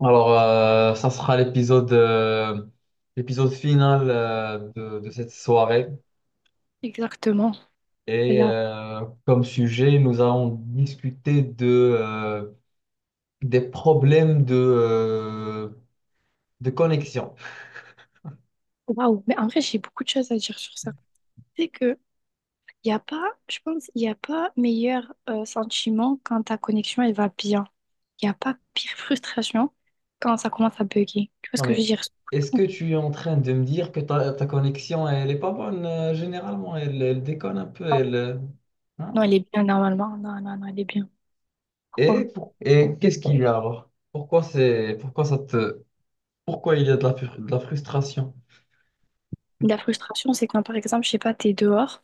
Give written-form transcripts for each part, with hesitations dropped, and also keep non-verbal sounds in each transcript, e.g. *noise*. Ça sera l'épisode final de cette soirée. Exactement. Là, Comme sujet, nous allons discuter euh, des problèmes de connexion. waouh. Mais en vrai, j'ai beaucoup de choses à dire sur ça. C'est que y a pas, je pense, il n'y a pas meilleur sentiment quand ta connexion elle va bien. Il n'y a pas pire frustration quand ça commence à bugger. Tu vois ce Non que je veux mais, dire? est-ce que tu es en train de me dire que ta connexion, elle est pas bonne généralement? Elle déconne un peu, elle... hein Non, elle est bien normalement. Non, non, non, elle est bien. Et, Pourquoi? pour- et qu'est-ce qu'il y a alors? Pourquoi ça te, pourquoi il y a de la frustration? La frustration, c'est quand par exemple, je sais pas, t'es dehors,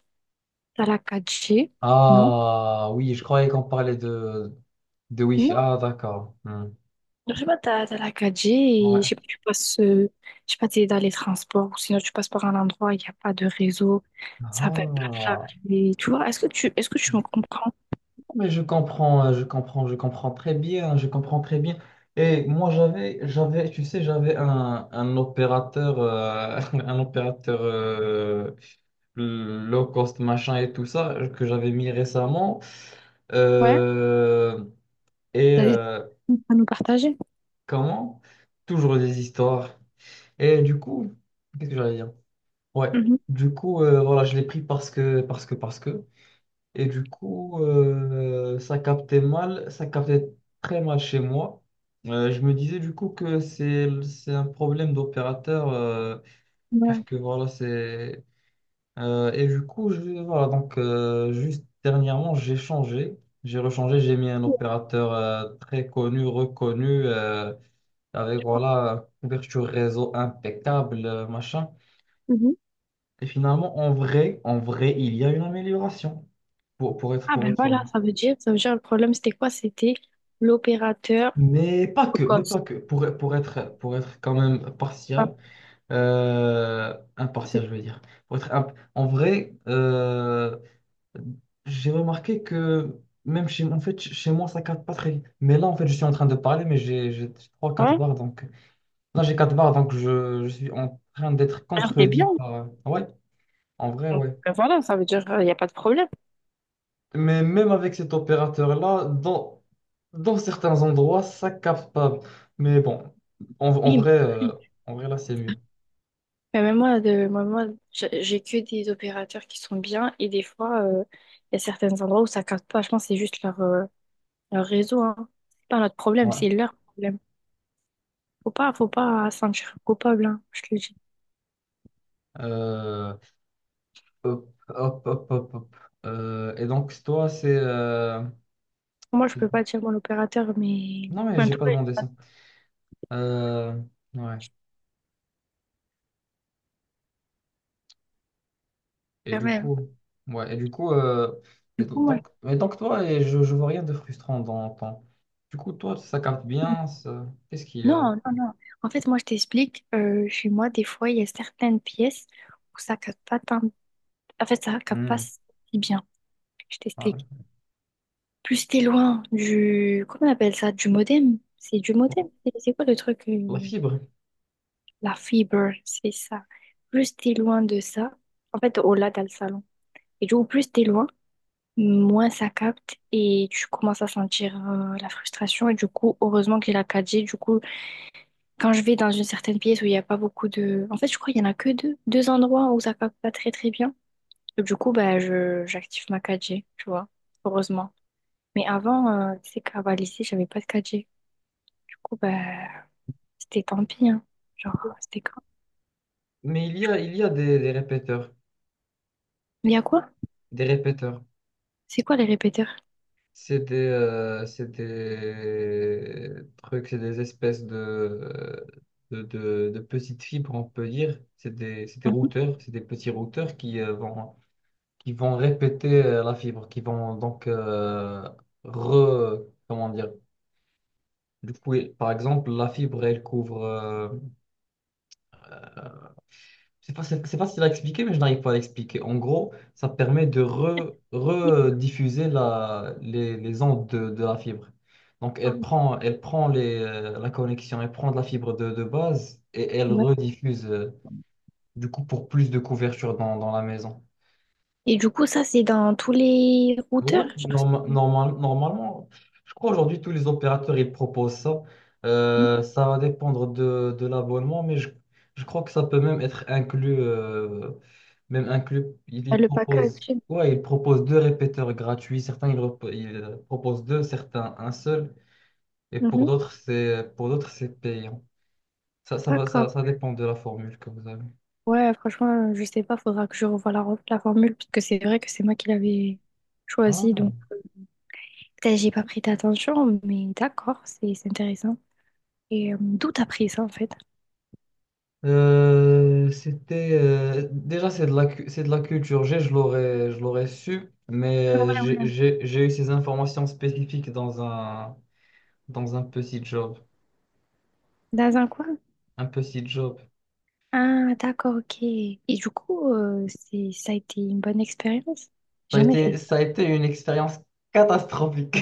t'as la 4G. Non. Ah oui, je croyais qu'on parlait de Wi-Fi. Ah d'accord. Hmm. Je sais pas, t'as la 4G Ouais. et je sais pas, tu passes, je sais pas, t'es dans les transports ou sinon tu passes par un endroit, il n'y a pas de réseau, ça va être pas Ah. chargé. Tu vois, est-ce que tu me comprends? Mais je comprends très bien, je comprends très bien. Et moi tu sais, j'avais un opérateur, *laughs* un opérateur low cost machin et tout ça que j'avais mis récemment. Ouais. Euh, et T'as des euh, trucs à nous partager? Comment? Toujours des histoires. Et du coup, qu'est-ce que j'allais dire? Ouais, Mhm. Voilà, je l'ai pris parce que. Et ça captait mal, ça captait très mal chez moi. Je me disais du coup que c'est un problème d'opérateur, Ouais. puisque voilà, c'est. Voilà, juste dernièrement, j'ai changé. J'ai rechangé, j'ai mis un opérateur très connu, reconnu, avec voilà, couverture réseau impeccable, machin. Mhm. Et finalement, en vrai, il y a une amélioration, Ah pour ben être voilà, honnête. Ça veut dire le problème c'était quoi? C'était l'opérateur low Mais pas cost. que. Pour être quand même Ah, impartial, je c'était- veux dire. Pour être imp- en vrai, J'ai remarqué que même chez, en fait, chez moi, ça capte pas très vite. Mais là, en fait, je suis en train de parler, mais j'ai trois, quatre barres. Donc, là, j'ai quatre barres, je suis en train d'être contredit par. Ouais, en vrai, ouais. ben voilà, pas de problème. Mais même avec cet opérateur-là, dans certains endroits, ça capte pas. Mais bon, en, en Oui, vrai, euh, mais en vrai, là, c'est mieux. mais même moi, de, moi, moi, j'ai que des opérateurs qui sont bien et des fois, il y a certains endroits où ça capte pas. Je pense que c'est juste leur, leur réseau, hein. C'est pas notre problème, Ouais. c'est leur problème. Faut pas se sentir coupable, hein, je te le dis. Euh, Hop, hop, hop, hop, hop. Euh, et donc, toi, c'est... euh, Moi, je peux bon. pas dire mon opérateur, mais... Non, mais mais en j'ai tout pas cas, demandé ça. Euh, ouais. Et quand du même. coup... Ouais, et du coup... et Du do- coup, moi. donc, et donc, toi, je vois rien de frustrant dans ton... Du coup, toi, ça capte bien. Qu'est-ce qu'il y a? Non, non, non. En fait, moi, je t'explique. Chez moi, des fois, il y a certaines pièces où ça capte pas tant. En fait, ça capte pas Hmm, si bien. Je voilà. t'explique. Plus t'es loin du. Comment on appelle ça? Du modem? C'est du modem? C'est quoi le truc? La fibre. La fibre, c'est ça. Plus t'es loin de ça. En fait, au-delà, t'as le salon. Et du coup, plus t'es loin, moins ça capte et tu commences à sentir la frustration. Et du coup, heureusement qu'il y a la 4G. Du coup, quand je vais dans une certaine pièce où il n'y a pas beaucoup de. En fait, je crois qu'il n'y en a que deux, deux endroits où ça capte pas très très bien. Et du coup, bah, j'active ma 4G, tu vois, heureusement. Mais avant, tu sais qu'à Valaisie, j'avais pas de 4G. Du coup, bah, c'était tant pis, hein. Genre, c'était quand? Mais il y a des répéteurs. Il y a quoi? Des répéteurs. C'est quoi les répéteurs? C'est c'est des trucs, c'est des espèces de petites fibres, on peut dire. C'est des routeurs, c'est des petits routeurs qui, qui vont répéter la fibre, qui vont donc re, comment dire. Du coup, par exemple, la fibre, elle couvre C'est pas, c'est pas facile à expliquer, mais je n'arrive pas à l'expliquer. En gros, ça permet de Mhm. rediffuser les ondes de la fibre. Donc, elle prend les, elle prend de la fibre de base et elle Ouais. rediffuse, pour plus de couverture dans la maison. Et du coup, ça, c'est dans tous les Oui, routeurs, genre. normalement, je crois aujourd'hui tous les opérateurs ils proposent ça. Ça va dépendre de l'abonnement, je crois que ça peut même être inclus, même inclus. Ils Ah, ils le proposent, packaging. ouais, ils proposent deux répéteurs gratuits. Certains ils proposent deux, certains un seul, et Mhm. Pour d'autres c'est payant. D'accord. Ça dépend de la formule que vous avez. Ouais, franchement, je sais pas, faudra que je revoie la, la formule, parce que c'est vrai que c'est moi qui l'avais choisie, Ah, donc peut-être j'ai pas prêté attention, mais d'accord, c'est intéressant. Et d'où t'as pris ça en fait? C'était déjà c'est de la c'est de la culture G, je l'aurais su, mais Ouais. J'ai eu ces informations spécifiques dans un petit job, Dans un coin? un petit job. Ah, d'accord, ok. Et du coup, c'est ça a été une bonne expérience? Jamais fait. Ça a été une expérience catastrophique.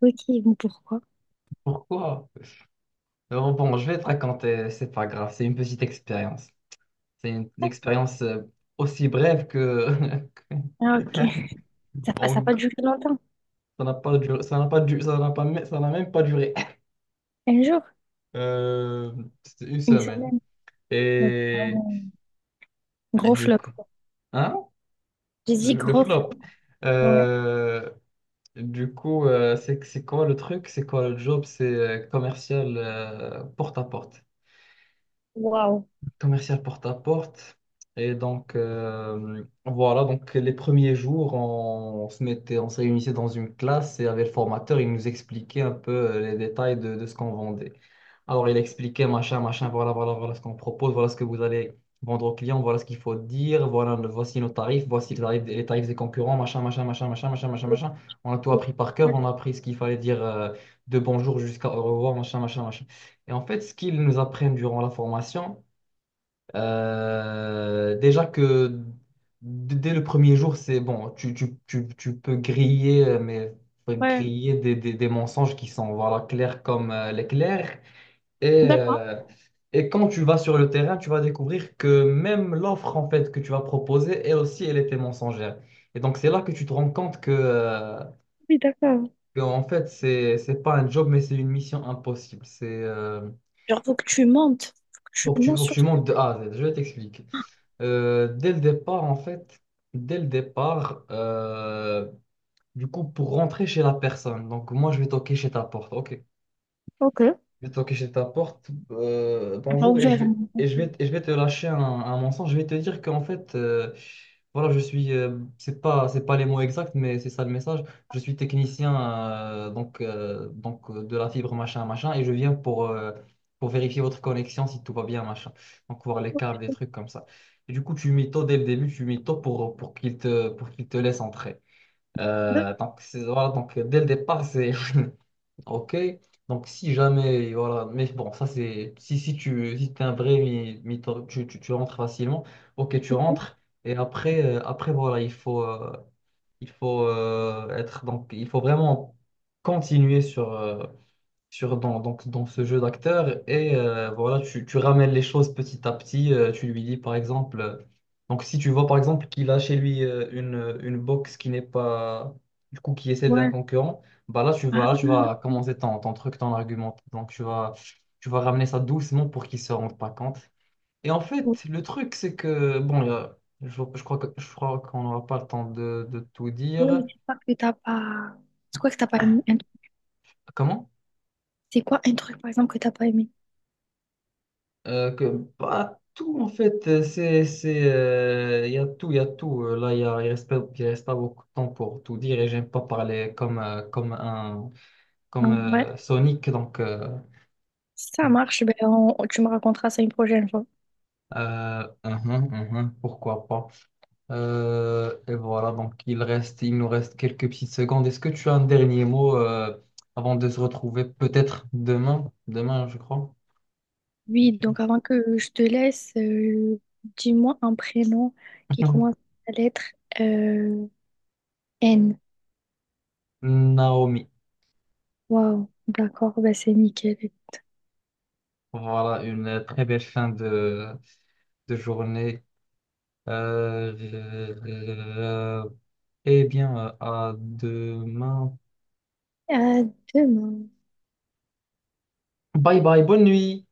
Ça. Ok, mais pourquoi? *laughs* Pourquoi? Alors, bon, je vais te raconter, c'est pas grave, c'est une petite expérience. C'est une expérience aussi brève que Ah, ok. *laughs* Ça a en- pas duré longtemps. ça n'a pas duré, ça n'a même pas duré. *laughs* Un jour? Euh, c'était une Une semaine. semaine? Ouais. Ah Et ouais. ah, Gros du flop, coup, quoi. hein? J'ai dit Le gros flop. flop, ouais. Euh, c'est quoi le truc? C'est quoi le job? C'est commercial porte à porte. Waouh. Commercial porte à porte. Et donc, voilà, donc les premiers jours, se mettait, on se réunissait dans une classe et avec le formateur, il nous expliquait un peu les détails de ce qu'on vendait. Alors, il expliquait, machin, machin, voilà ce qu'on propose, voilà ce que vous allez vendre au client, voilà ce qu'il faut dire, voilà, voici nos tarifs, voici les tarifs, des concurrents, machin, machin, machin, machin, machin, machin, machin. On a tout appris par cœur, on a appris ce qu'il fallait dire de bonjour jusqu'à au revoir, machin, machin, machin. Et en fait, ce qu'ils nous apprennent durant la formation, déjà que dès le premier jour, c'est bon, tu peux griller, mais Ouais, griller des mensonges qui sont, voilà, clairs comme l'éclair. Et, d'accord. euh, et quand tu vas sur le terrain, tu vas découvrir que même l'offre en fait que tu vas proposer, elle aussi, elle était mensongère. Et donc c'est là que tu te rends compte que, Oui, d'accord. En fait, c'est pas un job, mais c'est une mission impossible. C'est, Genre, faut que tu mentes. Faut que tu mens faut que sur tu ce. montes de A à Z. Je vais t'expliquer. Euh, dès le départ, en fait, dès le départ, du coup, pour rentrer chez la personne, donc moi, je vais toquer chez ta porte. Ok, Ok. Que je vais que je t'apporte. Euh, bonjour, et ouvert. Et je vais te lâcher un mensonge. Je vais te dire qu'en fait, voilà, je suis, c'est pas les mots exacts, mais c'est ça le message. Je suis technicien de la fibre machin machin, et je viens pour vérifier votre connexion si tout va bien machin. Donc voir les câbles, des trucs comme ça. Et du coup, tu mytho dès le début, tu mytho pour qu'il pour qu'il te laisse entrer. D'accord. Voilà, donc dès le départ, c'est. *laughs* Ok, donc si jamais, voilà, mais bon, ça c'est, si tu si t'es un vrai, tu rentres facilement, ok, tu rentres, et après, après voilà, il faut donc il faut vraiment continuer dans ce jeu d'acteur et voilà, tu ramènes les choses petit à petit. Euh, tu lui dis par exemple, donc si tu vois par exemple qu'il a chez lui une box qui n'est pas, du coup, qui est celle d'un Ouais. concurrent, bah là Ah, tu vas commencer ton truc, ton argument. Donc tu vas ramener ça doucement pour qu'il se rende pas compte. Et en ouais, fait, le truc c'est que, bon, je, je crois qu'on n'aura pas le temps de tout dire. mais c'est pas que t'as pas. C'est quoi que t'as pas aimé? Un-. Comment? C'est quoi un truc, par exemple, que t'as pas aimé? Euh, que, Bah, tout en fait, il y a tout, il y a tout. Là, il reste pas beaucoup de temps pour tout dire et j'aime pas parler comme, Ah, ouais. Sonic, donc, Ça marche, tu me raconteras ça une prochaine fois. Uhum, uhum, pourquoi pas. Et voilà, donc il reste, il nous reste quelques petites secondes. Est-ce que tu as un dernier mot, avant de se retrouver peut-être demain, demain, je crois. Oui, donc avant que je te laisse, dis-moi un prénom qui commence *laughs* par la lettre euh, N. Naomi. Waouh, d'accord, ben c'est nickel. Voilà, une très belle fin de journée. Euh, je- je- eh bien, à demain. À demain. Bye bye, bonne nuit.